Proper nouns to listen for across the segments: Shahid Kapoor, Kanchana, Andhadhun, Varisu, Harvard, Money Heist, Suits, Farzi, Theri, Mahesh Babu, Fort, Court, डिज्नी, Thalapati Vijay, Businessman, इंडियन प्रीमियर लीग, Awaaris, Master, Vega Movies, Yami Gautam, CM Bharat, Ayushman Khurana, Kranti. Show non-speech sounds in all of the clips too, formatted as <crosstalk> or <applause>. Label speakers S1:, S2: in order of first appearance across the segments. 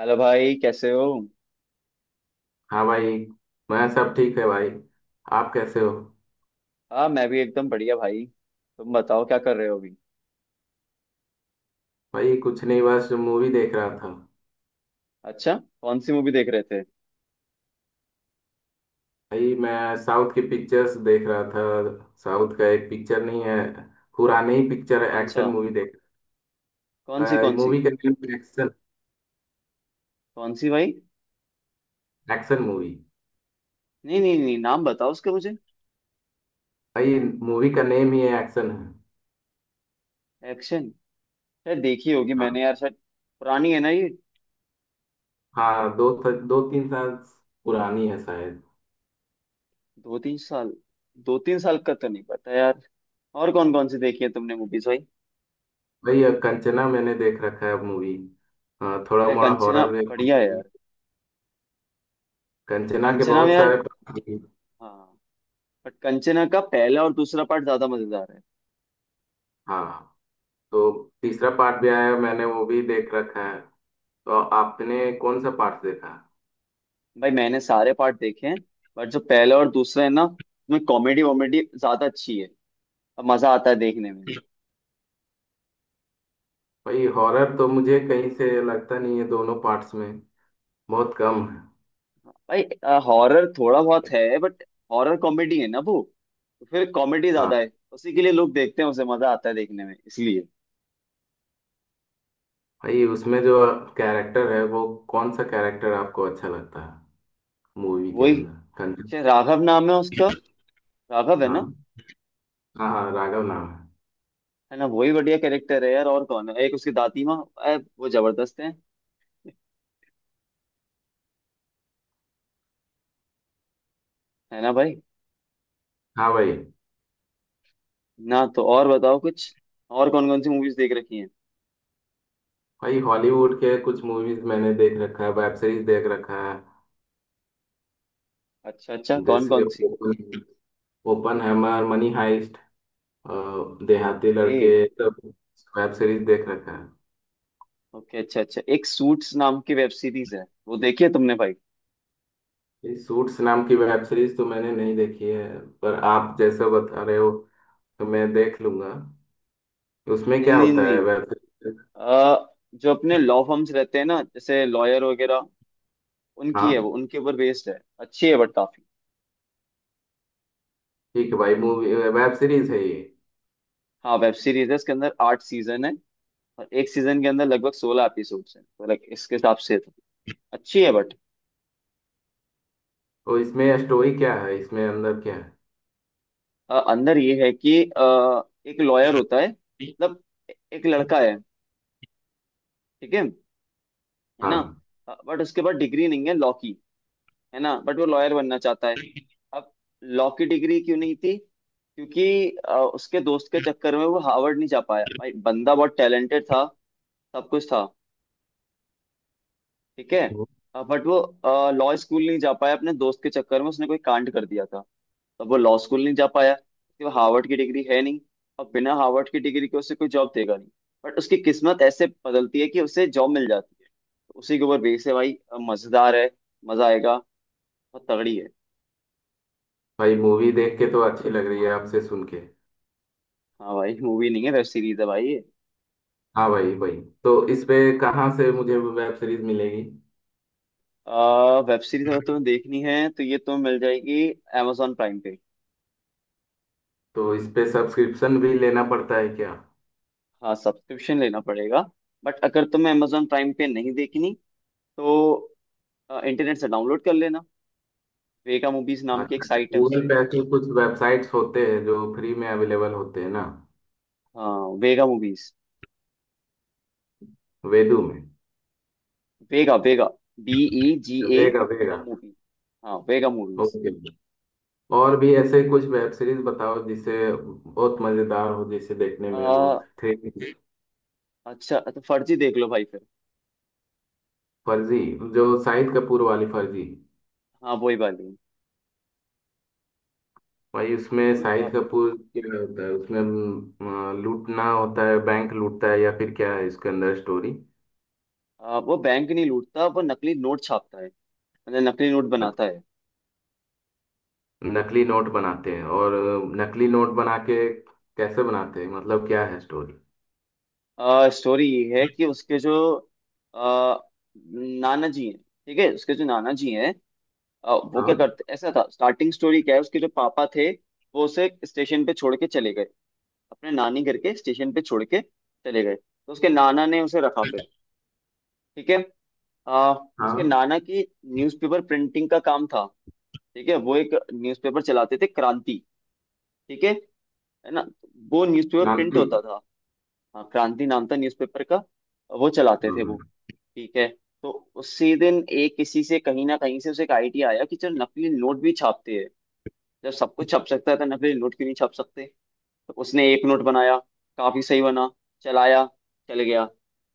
S1: Hello भाई, कैसे हो?
S2: हाँ भाई। मैं सब ठीक है भाई। आप कैसे हो?
S1: हाँ, मैं भी एकदम बढ़िया भाई। तुम बताओ, क्या कर रहे हो अभी?
S2: भाई कुछ नहीं, बस मूवी देख रहा था।
S1: अच्छा, कौन सी मूवी देख रहे थे?
S2: भाई मैं साउथ की पिक्चर्स देख रहा था। साउथ का एक पिक्चर नहीं है, पुरानी ही पिक्चर है,
S1: कौन सा,
S2: एक्शन मूवी देख।
S1: कौन सी कौन सी?
S2: मूवी का नेम एक्शन।
S1: कौन सी भाई?
S2: Action movie.
S1: नहीं नहीं नहीं, नाम बताओ उसका मुझे।
S2: भाई मूवी का नेम ही है, एक्शन है।
S1: एक्शन, शायद देखी होगी
S2: हाँ।
S1: मैंने यार, शायद। पुरानी है ना ये?
S2: हाँ, दो दो तीन साल पुरानी है शायद।
S1: दो तीन साल, दो तीन साल का तो नहीं पता यार। और कौन कौन सी देखी है तुमने मूवीज भाई?
S2: भाई कंचना मैंने देख रखा है मूवी। थोड़ा
S1: यार
S2: मोड़ा
S1: कंचना
S2: हॉरर है।
S1: बढ़िया है यार।
S2: कंचना के
S1: कंचना में
S2: बहुत
S1: यार,
S2: सारे पार्ट हैं।
S1: हाँ, बट कंचना का पहला और दूसरा पार्ट ज्यादा मजेदार है।
S2: हाँ, तो तीसरा पार्ट भी आया, मैंने वो भी देख रखा है। तो आपने कौन सा पार्ट देखा?
S1: भाई मैंने सारे पार्ट देखे हैं, बट जो पहला और दूसरा है ना उसमें कॉमेडी वॉमेडी ज्यादा अच्छी है और मजा आता है देखने में।
S2: भाई हॉरर तो मुझे कहीं से लगता नहीं है दोनों पार्ट्स में, बहुत कम है।
S1: भाई हॉरर थोड़ा बहुत है बट, हॉरर कॉमेडी है ना वो, तो फिर कॉमेडी
S2: हाँ।
S1: ज्यादा है, उसी के लिए लोग देखते हैं, उसे मजा आता है देखने में इसलिए।
S2: भाई उसमें जो कैरेक्टर है वो, कौन सा कैरेक्टर आपको अच्छा लगता है मूवी के
S1: वही,
S2: अंदर? कंचन।
S1: शायद राघव नाम है उसका, राघव है ना?
S2: हाँ। हाँ हाँ, राघव नाम है।
S1: है ना, वही बढ़िया कैरेक्टर है यार। और कौन है, एक उसकी दादी माँ, वो जबरदस्त है। है ना भाई?
S2: हाँ भाई।
S1: ना तो और बताओ कुछ, और कौन कौन सी मूवीज देख रखी हैं?
S2: भाई हॉलीवुड के कुछ मूवीज मैंने देख रखा है, वेब सीरीज देख रखा है।
S1: अच्छा अच्छा, कौन
S2: जैसे
S1: कौन सी?
S2: Open, Oppenheimer, money heist, अ, देहाती
S1: ओके,
S2: लड़के, सब वेब सीरीज देख रखा है।
S1: ओके, अच्छा अच्छा, एक सूट्स नाम की वेब सीरीज है, वो देखी है तुमने भाई?
S2: ये सूट्स नाम की वेब सीरीज तो मैंने नहीं देखी है, पर आप जैसा बता रहे हो तो मैं देख लूंगा। उसमें
S1: नहीं
S2: क्या
S1: नहीं
S2: होता है
S1: नहीं,
S2: वेब सीरीज?
S1: जो अपने लॉ फर्म्स रहते हैं ना, जैसे लॉयर वगैरह, उनकी है वो,
S2: हाँ।
S1: उनके ऊपर बेस्ड है। अच्छी है बट काफी।
S2: ठीक है भाई, मूवी वेब सीरीज है ये?
S1: हाँ, वेब सीरीज है, इसके अंदर 8 सीजन है और एक सीजन के अंदर लगभग 16 एपिसोड्स हैं, तो like इसके हिसाब से तो अच्छी है बट।
S2: तो इसमें स्टोरी क्या है, इसमें अंदर क्या है?
S1: अंदर ये है कि एक लॉयर होता है, मतलब एक लड़का है, ठीक है ना,
S2: हाँ
S1: बट उसके पास डिग्री नहीं है लॉ की, है ना, बट वो लॉयर बनना चाहता है। अब, लॉ की डिग्री क्यों नहीं थी, क्योंकि उसके दोस्त के चक्कर में वो हार्वर्ड नहीं जा पाया। भाई बंदा बहुत टैलेंटेड था, सब कुछ था, ठीक है, बट वो लॉ स्कूल नहीं जा पाया, अपने दोस्त के चक्कर में उसने कोई कांड कर दिया था, तब वो लॉ स्कूल नहीं जा पाया, क्योंकि वो हार्वर्ड की डिग्री है नहीं, और बिना हार्वर्ड की डिग्री के उसे कोई जॉब देगा नहीं, बट उसकी किस्मत ऐसे बदलती है कि उसे जॉब मिल जाती है। तो उसी के ऊपर बेस है भाई, मजेदार है, मजा आएगा, बहुत तगड़ी है।
S2: भाई, मूवी देख के तो अच्छी लग रही है आपसे सुन के।
S1: हाँ भाई, मूवी नहीं है वेब सीरीज है भाई।
S2: हाँ भाई भाई। तो इस पे कहाँ से मुझे वेब सीरीज मिलेगी?
S1: वेब सीरीज अगर तुम्हें देखनी है तो ये तुम्हें मिल जाएगी amazon प्राइम पे।
S2: तो इस पे सब्सक्रिप्शन भी लेना पड़ता है क्या?
S1: हाँ, सब्सक्रिप्शन लेना पड़ेगा, बट अगर तुम्हें amazon प्राइम पे नहीं देखनी तो इंटरनेट से डाउनलोड कर लेना। वेगा मूवीज नाम की एक
S2: अच्छा,
S1: साइट है,
S2: गूगल
S1: उससे।
S2: पे ऐसे कुछ वेबसाइट्स होते हैं जो फ्री में अवेलेबल होते हैं ना।
S1: हाँ, वेगा मूवीज।
S2: वेदू में।
S1: Vega Vega, B E G
S2: तो
S1: ए
S2: वेगा वेगा।
S1: मूवी। हाँ, वेगा मूवीज।
S2: ओके। और भी ऐसे कुछ वेब सीरीज बताओ जिसे बहुत मजेदार हो, जिसे देखने में बहुत
S1: आ,
S2: थ्रिल।
S1: अच्छा तो फर्जी देख लो भाई फिर।
S2: फर्जी, जो शाहिद कपूर वाली फर्जी?
S1: हाँ, वही वाली,
S2: भाई उसमें
S1: वो भी
S2: शाहिद
S1: काफी।
S2: कपूर, क्या होता है उसमें, लूटना होता है, बैंक लूटता है या फिर क्या है इसके अंदर स्टोरी?
S1: वो बैंक नहीं लूटता, वो नकली नोट छापता है, मतलब नकली नोट बनाता है।
S2: नकली नोट बनाते हैं और नकली नोट बना के कैसे बनाते हैं, मतलब क्या है स्टोरी?
S1: स्टोरी ये है कि उसके जो अ, नाना जी हैं, ठीक है, उसके जो नाना जी हैं, वो
S2: हाँ।
S1: क्या करते ऐसा था। स्टार्टिंग स्टोरी क्या है, उसके जो पापा थे वो उसे स्टेशन पे छोड़ के चले गए, अपने नानी घर के स्टेशन पे छोड़ के चले गए, तो उसके नाना ने उसे रखा फिर। ठीक है, अ, उसके
S2: हाँ,
S1: नाना की न्यूज़पेपर प्रिंटिंग का काम था। ठीक है, वो एक न्यूज़पेपर चलाते थे, क्रांति, ठीक है ना, वो न्यूज़पेपर प्रिंट
S2: क्रांति।
S1: होता था। हाँ, क्रांति नाम था न्यूज़पेपर का, वो चलाते थे वो,
S2: हम्म।
S1: ठीक है। तो उसी दिन एक किसी से, कहीं ना कहीं से उसे एक आइडिया आया कि चल नकली नोट भी छापते हैं। जब सब कुछ छप सकता है तो नकली नोट क्यों नहीं छप सकते? तो उसने एक नोट बनाया, काफी सही बना, चलाया, चल गया,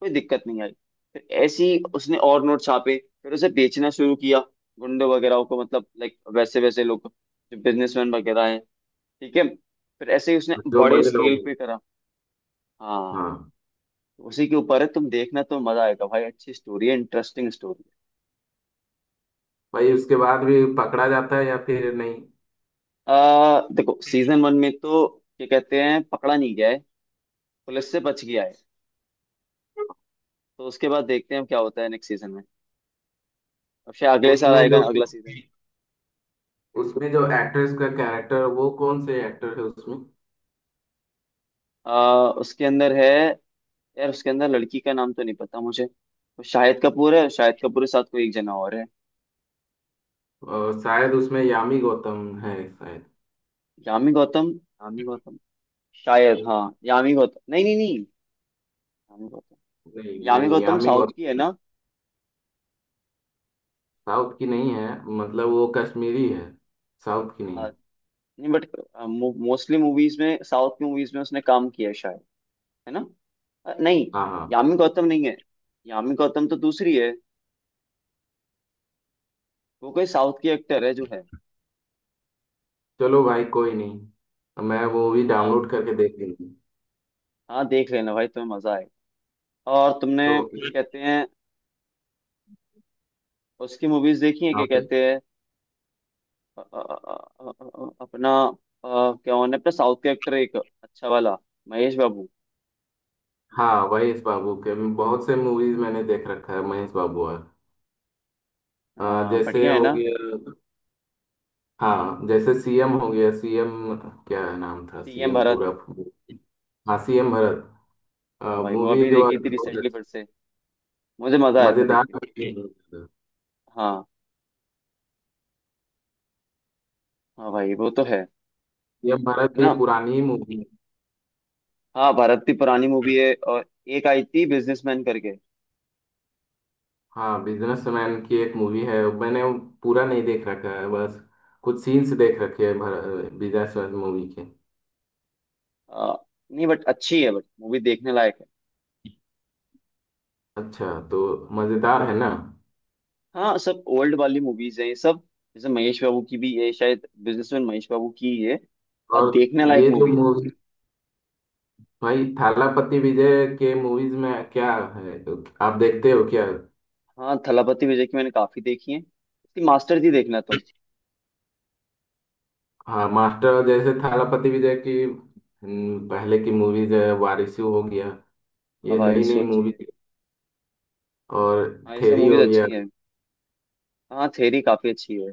S1: कोई दिक्कत नहीं आई। फिर ऐसे ही उसने और नोट छापे, फिर उसे बेचना शुरू किया, गुंडे वगैरह को, मतलब लाइक वैसे वैसे लोग जो बिजनेसमैन वगैरह हैं, ठीक है, फिर ऐसे ही उसने
S2: जो
S1: बड़े
S2: बड़े बिल्कुल
S1: स्केल
S2: लोग हैं।
S1: पे करा। हाँ,
S2: हाँ
S1: उसी के ऊपर है। तुम देखना तो मजा आएगा भाई, अच्छी स्टोरी है, इंटरेस्टिंग स्टोरी।
S2: भाई। उसके बाद भी पकड़ा जाता है या फिर नहीं?
S1: देखो सीजन वन में तो क्या कहते हैं, पकड़ा नहीं गया है, पुलिस से बच गया है। तो उसके बाद देखते हैं क्या होता है नेक्स्ट सीजन में। अब शायद अगले साल
S2: उसमें जो
S1: आएगा अगला सीजन।
S2: उसमें जो एक्ट्रेस का कैरेक्टर, वो कौन से एक्टर है उसमें?
S1: उसके अंदर है, यार उसके अंदर लड़की का नाम तो नहीं पता मुझे। वो शाहिद कपूर है, शाहिद कपूर के साथ कोई एक जना और है।
S2: शायद उसमें यामी गौतम है शायद।
S1: यामी गौतम, यामी गौतम शायद, हाँ यामी गौतम। नहीं नहीं नहीं, यामी गौतम,
S2: नहीं
S1: यामी
S2: नहीं,
S1: गौतम
S2: यामी
S1: साउथ की है
S2: गौतम
S1: ना?
S2: साउथ की नहीं है, मतलब वो कश्मीरी है, साउथ की
S1: आ,
S2: नहीं।
S1: नहीं बट मोस्टली मूवीज में, साउथ की मूवीज में उसने काम किया है ना? नहीं,
S2: हाँ हाँ।
S1: यामी गौतम नहीं है, यामी गौतम तो दूसरी है, वो कोई साउथ की एक्टर है जो है।
S2: चलो भाई कोई नहीं, मैं वो भी
S1: हाँ,
S2: डाउनलोड करके देख लूंगी।
S1: हाँ, देख लेना भाई, तुम्हें मजा आएगा। और तुमने
S2: तो
S1: क्या कहते हैं, उसकी मूवीज देखी है
S2: हाँ
S1: क्या
S2: भाई।
S1: कहते हैं? अ, अ, अ, अ, अपना क्या होने, अपना साउथ के एक्टर, एक अच्छा वाला, महेश बाबू।
S2: हाँ, महेश बाबू के बहुत से मूवीज मैंने देख रखा है, महेश बाबू और अ,
S1: हाँ,
S2: जैसे
S1: बढ़िया है
S2: हो
S1: ना?
S2: गया। हाँ, जैसे सीएम हो गया, सीएम क्या नाम था
S1: सीएम
S2: सीएम पूरा?
S1: भरत,
S2: हाँ, सीएम भरत।
S1: हाँ भाई, वो
S2: मूवी
S1: अभी
S2: जो
S1: देखी
S2: आज
S1: थी
S2: बहुत
S1: रिसेंटली
S2: अच्छा
S1: फिर से, मुझे मजा आया था देख
S2: मजेदार
S1: के।
S2: movie है।
S1: हाँ, हाँ भाई वो तो है
S2: सीएम भरत भी
S1: ना?
S2: पुरानी ही मूवी है।
S1: हाँ, भारत की पुरानी मूवी है। और एक आई थी बिजनेसमैन करके।
S2: हाँ, बिजनेसमैन की एक मूवी है, मैंने वो पूरा नहीं देख रखा है, बस कुछ सीन्स देख रखे हैं भर, बिजनेसमैन मूवी के।
S1: आ, नहीं बट अच्छी है, बट मूवी देखने लायक है।
S2: अच्छा, तो मजेदार है ना?
S1: हाँ, सब ओल्ड वाली मूवीज हैं ये सब, जैसे महेश बाबू की भी, ये शायद बिजनेसमैन महेश बाबू की ही है। और
S2: और
S1: देखने लायक
S2: ये जो
S1: मूवी है।
S2: मूवी, भाई थालापति विजय के मूवीज में क्या है, आप देखते हो क्या?
S1: हाँ, थलापति विजय की मैंने काफी देखी है। इसकी मास्टर जी देखना तुम।
S2: हाँ, मास्टर जैसे थालापति विजय की, पहले की मूवीज है, वारिसू हो गया, ये नई
S1: आवारिस वो
S2: नई
S1: अच्छी
S2: मूवी
S1: है,
S2: और
S1: हाँ ये सब
S2: थेरी
S1: मूवीज
S2: हो गया।
S1: अच्छी है। हाँ, थेरी काफी अच्छी है,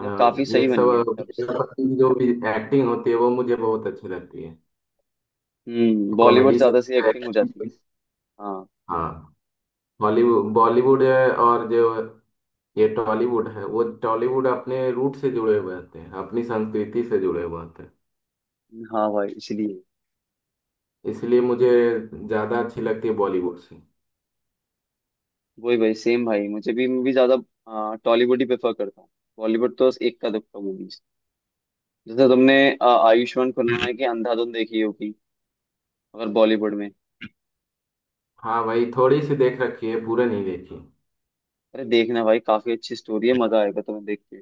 S2: अ,
S1: मतलब काफी
S2: ये
S1: सही
S2: सब
S1: बनी है, काफी सही।
S2: थालापति की जो भी एक्टिंग होती है वो मुझे बहुत अच्छी लगती है,
S1: हम्म, बॉलीवुड
S2: कॉमेडी से।
S1: ज्यादा सी एक्टिंग हो जाती है।
S2: <laughs>
S1: हाँ,
S2: हाँ, हॉलीवुड बॉलीवुड है, और जो ये टॉलीवुड है, वो टॉलीवुड अपने रूट से जुड़े हुए होते हैं, अपनी संस्कृति से जुड़े हुए होते हैं,
S1: हाँ भाई, इसलिए
S2: इसलिए मुझे ज्यादा अच्छी लगती है बॉलीवुड से।
S1: वही भाई, सेम भाई, मुझे भी मूवी ज्यादा टॉलीवुड ही प्रेफर करता हूँ। बॉलीवुड तो एक का दुक्का मूवी, जैसे तुमने आयुष्मान खुराना की अंधाधुन देखी होगी अगर बॉलीवुड में।
S2: हाँ भाई, थोड़ी सी देख रखी है, पूरा नहीं देखी।
S1: अरे देखना भाई, काफी अच्छी स्टोरी है, मजा आएगा तुम्हें देख के।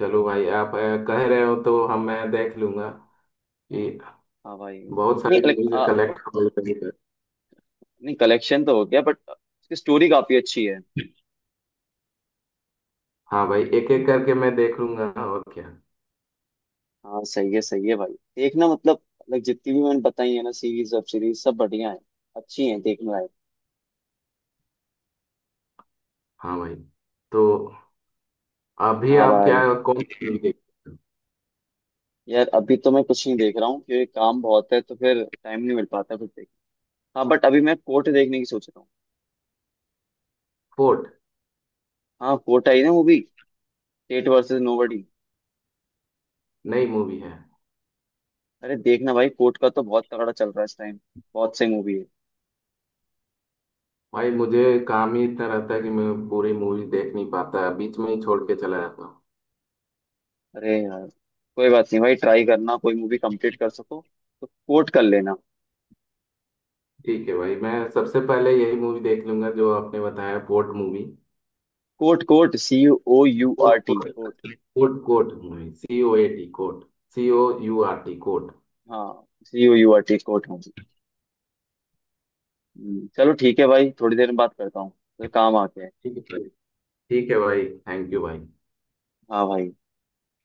S2: चलो भाई, आप कह रहे हो, तो हम मैं देख लूंगा, कि
S1: हाँ भाई,
S2: बहुत
S1: नहीं
S2: सारी
S1: लाइक,
S2: मूवीज कलेक्ट हो गई है।
S1: नहीं कलेक्शन तो हो गया बट उसकी स्टोरी काफी अच्छी है।
S2: हाँ भाई, एक एक करके मैं देख लूंगा और क्या।
S1: हाँ, सही है भाई। देखना मतलब, लाइक जितनी भी मैंने बताई है ना, सीरीज वेब सीरीज सब बढ़िया है, अच्छी है देखने लायक।
S2: हाँ भाई। तो अभी
S1: हाँ
S2: आप
S1: भाई,
S2: क्या, कौन सी मूवी देख रहे हो?
S1: यार अभी तो मैं कुछ नहीं देख रहा हूँ, क्योंकि काम बहुत है तो फिर टाइम नहीं मिल पाता, फिर देख। हाँ बट अभी मैं कोर्ट देखने की सोच रहा हूँ।
S2: फोर्ट
S1: हाँ, कोर्ट आई ना मूवी, स्टेट वर्सेस नोबडी।
S2: नई मूवी है?
S1: अरे देखना भाई, कोर्ट का तो बहुत तगड़ा चल रहा है इस टाइम, बहुत सही मूवी है।
S2: भाई मुझे काम ही इतना रहता है कि मैं पूरी मूवी देख नहीं पाता, बीच में ही छोड़ के चला जाता हूँ।
S1: अरे यार कोई बात नहीं भाई, ट्राई करना कोई मूवी कंप्लीट कर सको, तो कोर्ट कर लेना।
S2: ठीक है भाई, मैं सबसे पहले यही मूवी देख लूंगा जो आपने बताया, fort movie.
S1: Court, court, C O U
S2: coat
S1: R
S2: coat.
S1: T court.
S2: Coat coat movie, COAT coat. COURT coat.
S1: हाँ, COURT कोर्ट होगी। चलो ठीक है भाई, थोड़ी देर में बात करता हूँ, तो काम आ गया है।
S2: ठीक है भाई। ठीक है भाई, थैंक यू भाई।
S1: हाँ भाई।